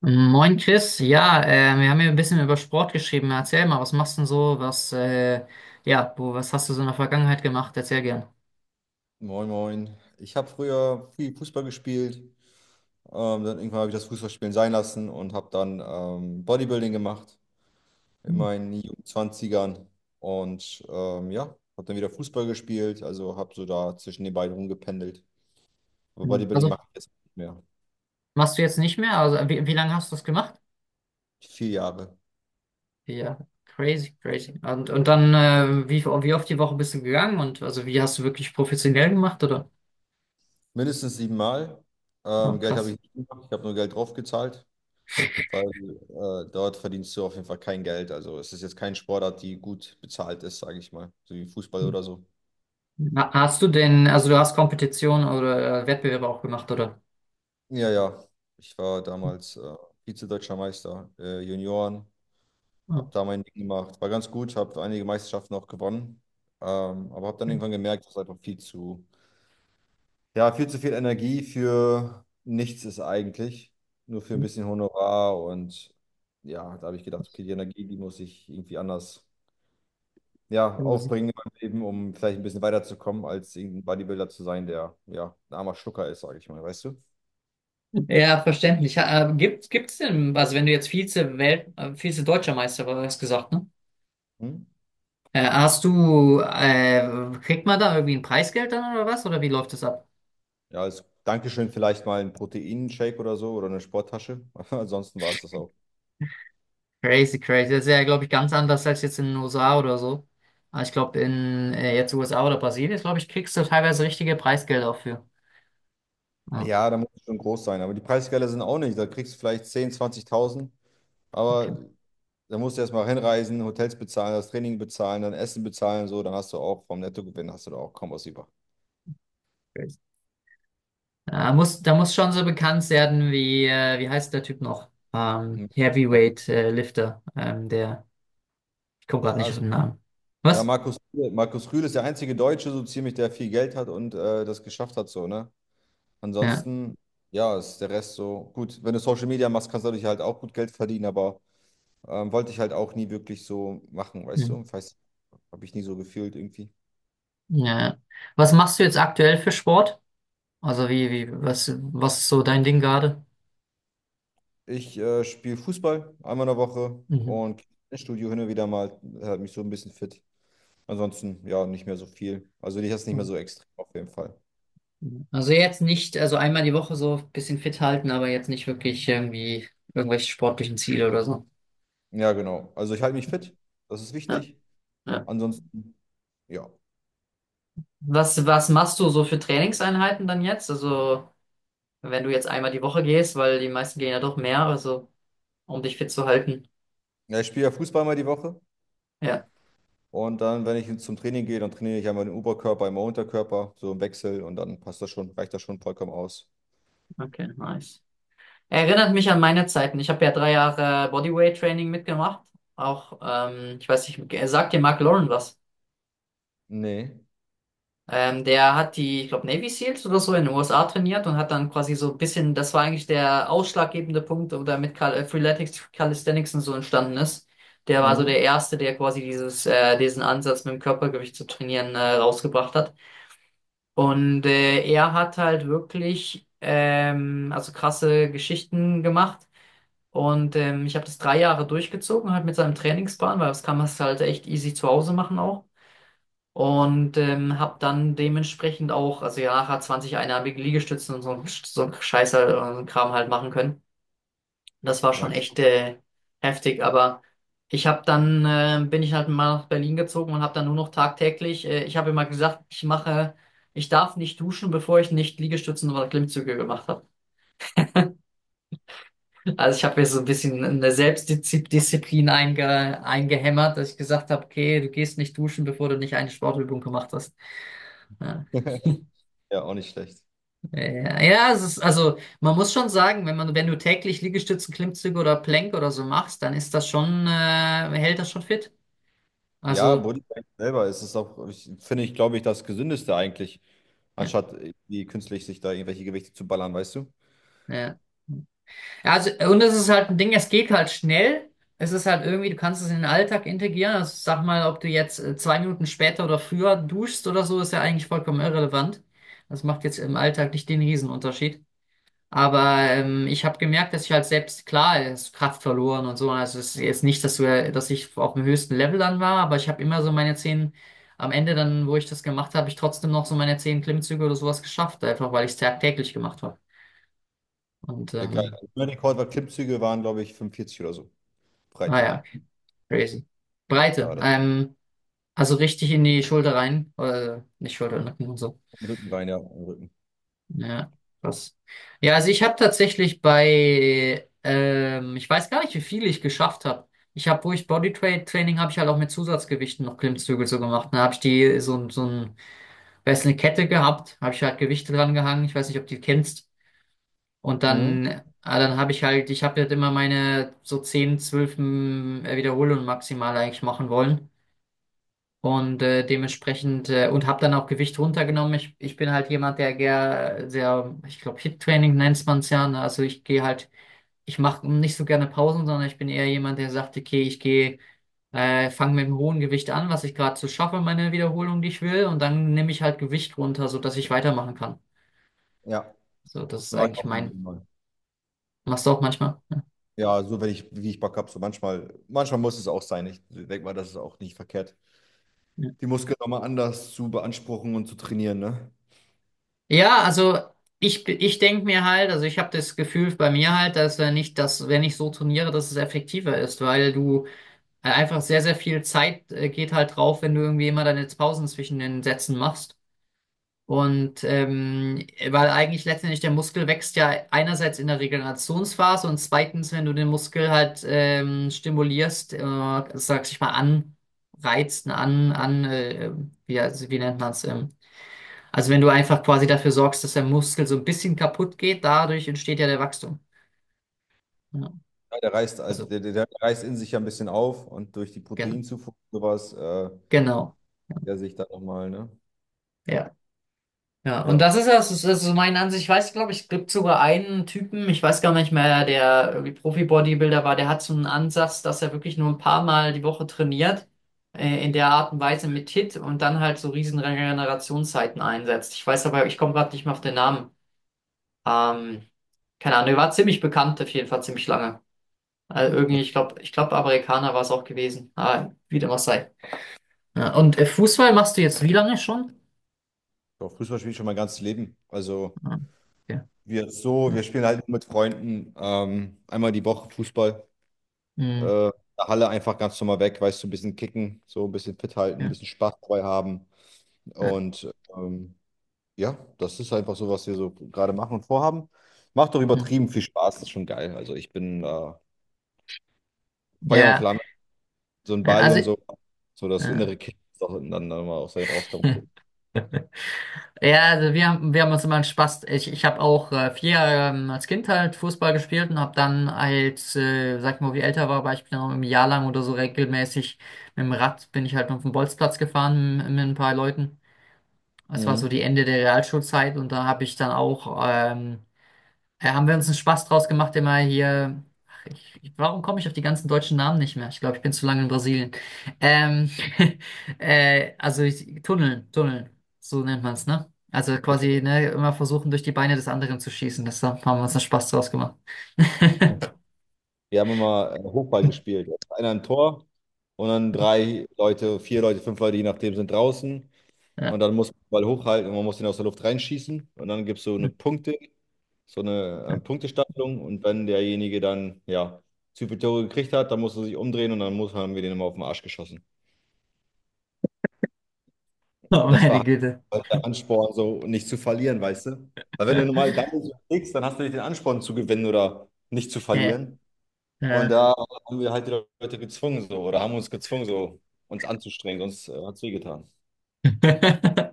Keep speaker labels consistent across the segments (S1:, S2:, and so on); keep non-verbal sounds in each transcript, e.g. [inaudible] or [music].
S1: Moin Chris, ja, wir haben hier ein bisschen über Sport geschrieben. Erzähl mal, was machst du denn so? Was hast du so in der Vergangenheit gemacht? Erzähl gern.
S2: Moin, moin. Ich habe früher viel Fußball gespielt. Dann irgendwann habe ich das Fußballspielen sein lassen und habe dann Bodybuilding gemacht in
S1: Hm.
S2: meinen jungen 20. Und ja, habe dann wieder Fußball gespielt. Also habe so da zwischen den beiden rumgependelt. Aber Bodybuilding
S1: Also
S2: mache ich jetzt nicht mehr.
S1: machst du jetzt nicht mehr? Also wie lange hast du das gemacht?
S2: 4 Jahre.
S1: Ja, crazy, crazy. Und dann, wie oft die Woche bist du gegangen? Und also wie hast du wirklich professionell gemacht, oder?
S2: Mindestens siebenmal.
S1: Oh,
S2: Geld habe
S1: krass.
S2: ich nicht gemacht. Ich habe nur Geld draufgezahlt, weil dort verdienst du auf jeden Fall kein Geld. Also es ist jetzt kein Sportart, die gut bezahlt ist, sage ich mal. So wie Fußball
S1: Hm.
S2: oder so.
S1: Hast du denn, also du hast Kompetitionen oder Wettbewerbe auch gemacht, oder?
S2: Ja, ja. Ich war
S1: Hm.
S2: damals Vize-Deutscher Meister, Junioren, habe
S1: Oh,
S2: da mein Ding gemacht, war ganz gut, habe einige Meisterschaften auch gewonnen, aber habe dann irgendwann gemerkt, dass einfach viel zu, ja, viel zu viel Energie für nichts ist eigentlich, nur für ein bisschen Honorar. Und ja, da habe ich gedacht, okay, die Energie, die muss ich irgendwie anders, ja,
S1: hm.
S2: aufbringen in meinem Leben, um vielleicht ein bisschen weiterzukommen, als irgendein Bodybuilder zu sein, der, ja, ein armer Schlucker ist, sage ich mal, weißt du?
S1: Ja, verständlich. Gibt's denn, also wenn du jetzt Vize-Deutscher Meister warst, gesagt, ne?
S2: Hm?
S1: Hast du, kriegt man da irgendwie ein Preisgeld dann oder was? Oder wie läuft das ab?
S2: Ja, als Dankeschön vielleicht mal ein Proteinshake oder so oder eine Sporttasche. [laughs] Ansonsten war es das auch.
S1: Crazy, crazy. Das ist ja, glaube ich, ganz anders als jetzt in den USA oder so. Aber ich glaube, in jetzt USA oder Brasilien, glaube ich, kriegst du teilweise richtige Preisgelder auch für. Ah,
S2: Ja, da muss es schon groß sein. Aber die Preisgelder sind auch nicht. Da kriegst du vielleicht 10, 20.000.
S1: okay.
S2: Aber da musst du erstmal hinreisen, Hotels bezahlen, das Training bezahlen, dann Essen bezahlen. So, dann hast du auch vom Nettogewinn hast du da auch kaum was über.
S1: Crazy. Da muss schon so bekannt werden wie, wie heißt der Typ noch?
S2: Hm. Markus.
S1: Heavyweight Lifter. Der, ich komme gerade
S2: Ja,
S1: nicht auf
S2: es,
S1: den Namen.
S2: ja
S1: Was?
S2: Markus, Markus Rühl ist der einzige Deutsche, so ziemlich, der viel Geld hat und das geschafft hat. So, ne?
S1: Ja.
S2: Ansonsten, ja, ist der Rest so gut. Wenn du Social Media machst, kannst du dadurch halt auch gut Geld verdienen. Aber wollte ich halt auch nie wirklich so machen, weißt
S1: Hm.
S2: du? Habe ich nie so gefühlt irgendwie.
S1: Ja. Was machst du jetzt aktuell für Sport? Also was ist so dein Ding gerade?
S2: Ich spiele Fußball einmal in der Woche
S1: Mhm.
S2: und ins Studio hin und wieder mal, hält mich so ein bisschen fit. Ansonsten, ja, nicht mehr so viel. Also ich jetzt nicht mehr
S1: Mhm.
S2: so extrem auf jeden Fall.
S1: Also jetzt nicht, also einmal die Woche so ein bisschen fit halten, aber jetzt nicht wirklich irgendwie irgendwelche sportlichen Ziele oder so.
S2: Ja, genau. Also ich halte mich fit, das ist
S1: Ja,
S2: wichtig.
S1: ja.
S2: Ansonsten, ja.
S1: Was machst du so für Trainingseinheiten dann jetzt? Also wenn du jetzt einmal die Woche gehst, weil die meisten gehen ja doch mehr, also um dich fit zu halten.
S2: Ja, ich spiele ja Fußball mal die Woche
S1: Ja,
S2: und dann, wenn ich zum Training gehe, dann trainiere ich einmal den Oberkörper, einmal Unterkörper, so im Wechsel und dann passt das schon, reicht das schon vollkommen aus.
S1: okay, nice. Erinnert mich an meine Zeiten. Ich habe ja 3 Jahre Bodyweight-Training mitgemacht. Auch, ich weiß nicht, sagt dir Mark Lauren was?
S2: Nee.
S1: Der hat die, ich glaube, Navy SEALs oder so in den USA trainiert und hat dann quasi so ein bisschen, das war eigentlich der ausschlaggebende Punkt, oder mit Cal Freeletics, Calisthenics und so entstanden ist. Der war so der
S2: Mhm.
S1: Erste, der quasi diesen Ansatz mit dem Körpergewicht zu trainieren, rausgebracht hat. Und er hat halt wirklich also krasse Geschichten gemacht. Und ich habe das 3 Jahre durchgezogen, halt mit seinem Trainingsplan, weil das kann man es halt echt easy zu Hause machen auch. Und habe dann dementsprechend auch, also ja, nachher 20 einarmige Liegestützen und so, so ein Scheiß halt, so ein Kram halt machen können. Das war
S2: Na,
S1: schon echt
S2: krass.
S1: heftig, aber ich habe dann, bin ich halt mal nach Berlin gezogen und habe dann nur noch tagtäglich, ich habe immer gesagt, ich mache, ich darf nicht duschen, bevor ich nicht Liegestützen oder Klimmzüge gemacht habe. Also ich habe mir so ein bisschen eine Selbstdisziplin eingehämmert, dass ich gesagt habe, okay, du gehst nicht duschen, bevor du nicht eine Sportübung gemacht hast. Ja,
S2: [laughs] Ja, auch nicht schlecht.
S1: ja, es ist, also man muss schon sagen, wenn du täglich Liegestützen, Klimmzüge oder Plank oder so machst, dann ist das schon, hält das schon fit.
S2: Ja,
S1: Also,
S2: Bodybuilding selber ist es auch, finde ich, glaube ich, das Gesündeste eigentlich,
S1: ja,
S2: anstatt irgendwie künstlich sich da irgendwelche Gewichte zu ballern, weißt du?
S1: ja. Ja, also, und es ist halt ein Ding, es geht halt schnell. Es ist halt irgendwie, du kannst es in den Alltag integrieren. Also, sag mal, ob du jetzt 2 Minuten später oder früher duschst oder so, ist ja eigentlich vollkommen irrelevant. Das macht jetzt im Alltag nicht den Riesenunterschied. Aber ich habe gemerkt, dass ich halt selbst, klar, es ist Kraft verloren und so. Also es ist jetzt nicht, dass ich auf dem höchsten Level dann war, aber ich habe immer so meine 10, am Ende dann, wo ich das gemacht habe, ich trotzdem noch so meine 10 Klimmzüge oder sowas geschafft, einfach weil ich es tagtäglich gemacht habe. Und
S2: Egal. Mein Rekord war Klimmzüge, waren, glaube ich, 45 oder so.
S1: ah
S2: Breite.
S1: ja, okay. Crazy. Breite.
S2: Ja, das
S1: Also richtig in die Schulter rein. Nicht Schulter, Nacken und so.
S2: im Rückenbein, ja, im Rücken.
S1: Ja, krass. Ja, also ich habe tatsächlich bei, ich weiß gar nicht, wie viel ich geschafft habe. Ich habe, wo ich Bodytraining habe ich halt auch mit Zusatzgewichten noch Klimmzüge so gemacht. Da habe ich die so, weiß eine Kette gehabt, habe ich halt Gewichte dran gehangen. Ich weiß nicht, ob du die kennst. Und
S2: Mhm.
S1: dann, ah, dann habe ich halt, ich habe halt immer meine so 10, 12 Wiederholungen maximal eigentlich machen wollen. Und dementsprechend und habe dann auch Gewicht runtergenommen. Ich bin halt jemand, der gern sehr, ich glaube, Hit-Training nennt man es ja. Ne? Also ich gehe halt, ich mache nicht so gerne Pausen, sondern ich bin eher jemand, der sagt, okay, ich gehe, fange mit einem hohen Gewicht an, was ich gerade so schaffe, meine Wiederholung, die ich will, und dann nehme ich halt Gewicht runter, sodass ich weitermachen kann.
S2: Ja,
S1: So, das ist
S2: war ich
S1: eigentlich
S2: auch immer wieder
S1: mein.
S2: mal.
S1: Machst du auch manchmal? Ja,
S2: Ja, so wenn ich, wie ich Bock habe, so manchmal, manchmal muss es auch sein. Ich denke mal, das ist auch nicht verkehrt.
S1: ja.
S2: Die Muskeln nochmal anders zu beanspruchen und zu trainieren, ne?
S1: Ja, also. Ich denke mir halt, also ich habe das Gefühl bei mir halt, dass wenn ich das, wenn ich so trainiere, dass es effektiver ist, weil du einfach sehr, sehr viel Zeit geht halt drauf, wenn du irgendwie immer deine Pausen zwischen den Sätzen machst. Und weil eigentlich letztendlich der Muskel wächst ja einerseits in der Regenerationsphase und zweitens, wenn du den Muskel halt stimulierst, sag ich mal, anreizt, an, an, wie, also, wie nennt man es? Also wenn du einfach quasi dafür sorgst, dass der Muskel so ein bisschen kaputt geht, dadurch entsteht ja der Wachstum. Ja,
S2: Ja, der reißt, also
S1: also,
S2: der reißt in sich ja ein bisschen auf und durch die
S1: gen
S2: Proteinzufuhr und sowas.
S1: genau. Ja.
S2: Der sich da nochmal, ne?
S1: Ja. Ja, und
S2: Ja.
S1: das ist ja, das ist so meine Ansicht. Ich weiß, glaube ich, gibt sogar einen Typen, ich weiß gar nicht mehr, der irgendwie Profi-Bodybuilder war, der hat so einen Ansatz, dass er wirklich nur ein paar Mal die Woche trainiert, in der Art und Weise mit Hit und dann halt so riesen Regenerationszeiten einsetzt. Ich weiß aber, ich komme gerade nicht mehr auf den Namen. Ähm, keine Ahnung, er war ziemlich bekannt, auf jeden Fall ziemlich lange. Also irgendwie,
S2: Okay.
S1: ich glaube, Amerikaner war es auch gewesen. Aber wie dem auch sei. Ja, und Fußball machst du jetzt wie lange schon?
S2: Doch, Fußball spiele ich schon mein ganzes Leben. Also
S1: Ah, okay. Hm.
S2: wir spielen halt nur mit Freunden einmal die Woche Fußball.
S1: Hm.
S2: In der Halle einfach ganz normal weg, weißt du, ein bisschen kicken, so ein bisschen fit halten, ein
S1: Ja.
S2: bisschen Spaß dabei haben.
S1: Ja.
S2: Und ähm, ja, das ist einfach so, was wir so gerade machen und vorhaben. Macht doch
S1: Hm.
S2: übertrieben viel Spaß, das ist schon geil. Also ich bin Feuer und
S1: Ja,
S2: Flamme, so ein
S1: ja,
S2: Ball
S1: also
S2: und so, so das
S1: ja,
S2: innere Kind, das auch dann mal aus einem rauskommt.
S1: [laughs] ja, also wir haben uns immer einen Spaß. Ich habe auch 4 Jahre als Kind halt Fußball gespielt und habe dann als, sag ich mal, wie älter war, war ich genau ein Jahr lang oder so regelmäßig mit dem Rad bin ich halt auf den Bolzplatz gefahren mit ein paar Leuten. Das war so
S2: Mhm.
S1: die Ende der Realschulzeit und da habe ich dann auch ja, haben wir uns einen Spaß draus gemacht, immer hier. Ach, warum komme ich auf die ganzen deutschen Namen nicht mehr? Ich glaube, ich bin zu lange in Brasilien. Ähm, [laughs] also ich, Tunneln, Tunneln, so nennt man es, ne? Also
S2: Okay.
S1: quasi, ne, immer versuchen, durch die Beine des anderen zu schießen. Das haben wir uns einen Spaß draus gemacht.
S2: Wir haben immer Hochball gespielt. Einer ein Tor und dann drei Leute, vier Leute, fünf Leute, je nachdem, sind draußen. Und
S1: Ja.
S2: dann
S1: [laughs]
S2: muss man den Ball hochhalten und man muss den aus der Luft reinschießen. Und dann gibt es so eine Punktestaffelung. Und wenn derjenige dann, ja, zu viele Tore gekriegt hat, dann muss er sich umdrehen und dann muss, haben wir den immer auf den Arsch geschossen.
S1: Oh,
S2: Das
S1: meine
S2: war
S1: Güte.
S2: halt der Ansporn, so nicht zu verlieren, weißt du? Weil wenn du normal
S1: [laughs]
S2: Doubles kriegst, dann hast du nicht den Ansporn zu gewinnen oder nicht zu
S1: Ja.
S2: verlieren. Und da haben wir halt die Leute gezwungen so oder haben uns gezwungen so uns anzustrengen, sonst hat es wehgetan.
S1: Ja. [laughs]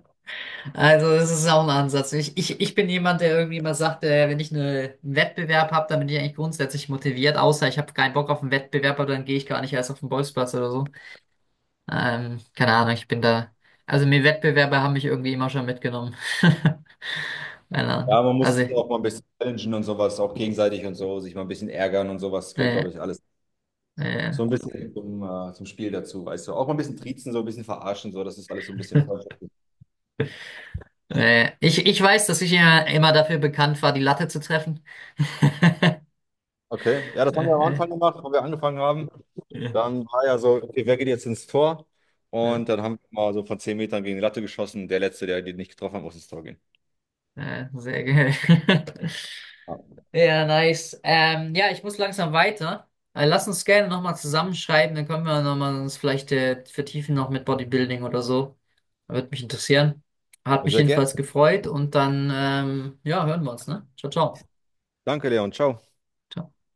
S1: Also, das ist auch ein Ansatz. Ich bin jemand, der irgendwie immer sagt, wenn ich einen Wettbewerb habe, dann bin ich eigentlich grundsätzlich motiviert, außer ich habe keinen Bock auf einen Wettbewerb, aber dann gehe ich gar nicht erst auf den Bolzplatz oder so. Keine Ahnung, ich bin da. Also, mir Wettbewerbe haben mich irgendwie immer schon mitgenommen. [laughs] Keine Ahnung.
S2: Ja, man muss
S1: Also,
S2: sich auch mal ein bisschen challengen und sowas, auch gegenseitig und so, sich mal ein bisschen ärgern und sowas, gehört,
S1: äh,
S2: glaube ich, alles
S1: äh,
S2: so ein bisschen zum Spiel dazu, weißt du. Auch mal ein bisschen triezen, so ein bisschen verarschen, so, das ist alles so ein bisschen freundschaftlich.
S1: ich weiß, dass ich immer, immer dafür bekannt war, die Latte zu treffen. [laughs]
S2: Okay, ja, das haben wir am
S1: Äh,
S2: Anfang gemacht, wo wir angefangen haben.
S1: äh,
S2: Dann war ja so, okay, wer geht jetzt ins Tor?
S1: äh,
S2: Und dann haben wir mal so von 10 Metern gegen die Latte geschossen. Der Letzte, der die nicht getroffen hat, muss ins Tor gehen.
S1: sehr geil. [laughs]
S2: Ja.
S1: Ja, nice. Ja, ich muss langsam weiter. Lass uns gerne nochmal zusammenschreiben, dann können wir nochmal uns vielleicht vertiefen noch mit Bodybuilding oder so. Würde mich interessieren. Hat mich
S2: Sehr gerne.
S1: jedenfalls gefreut und dann, ja, hören wir uns, ne? Ciao, ciao.
S2: Danke, Leon. Ciao.
S1: Ciao.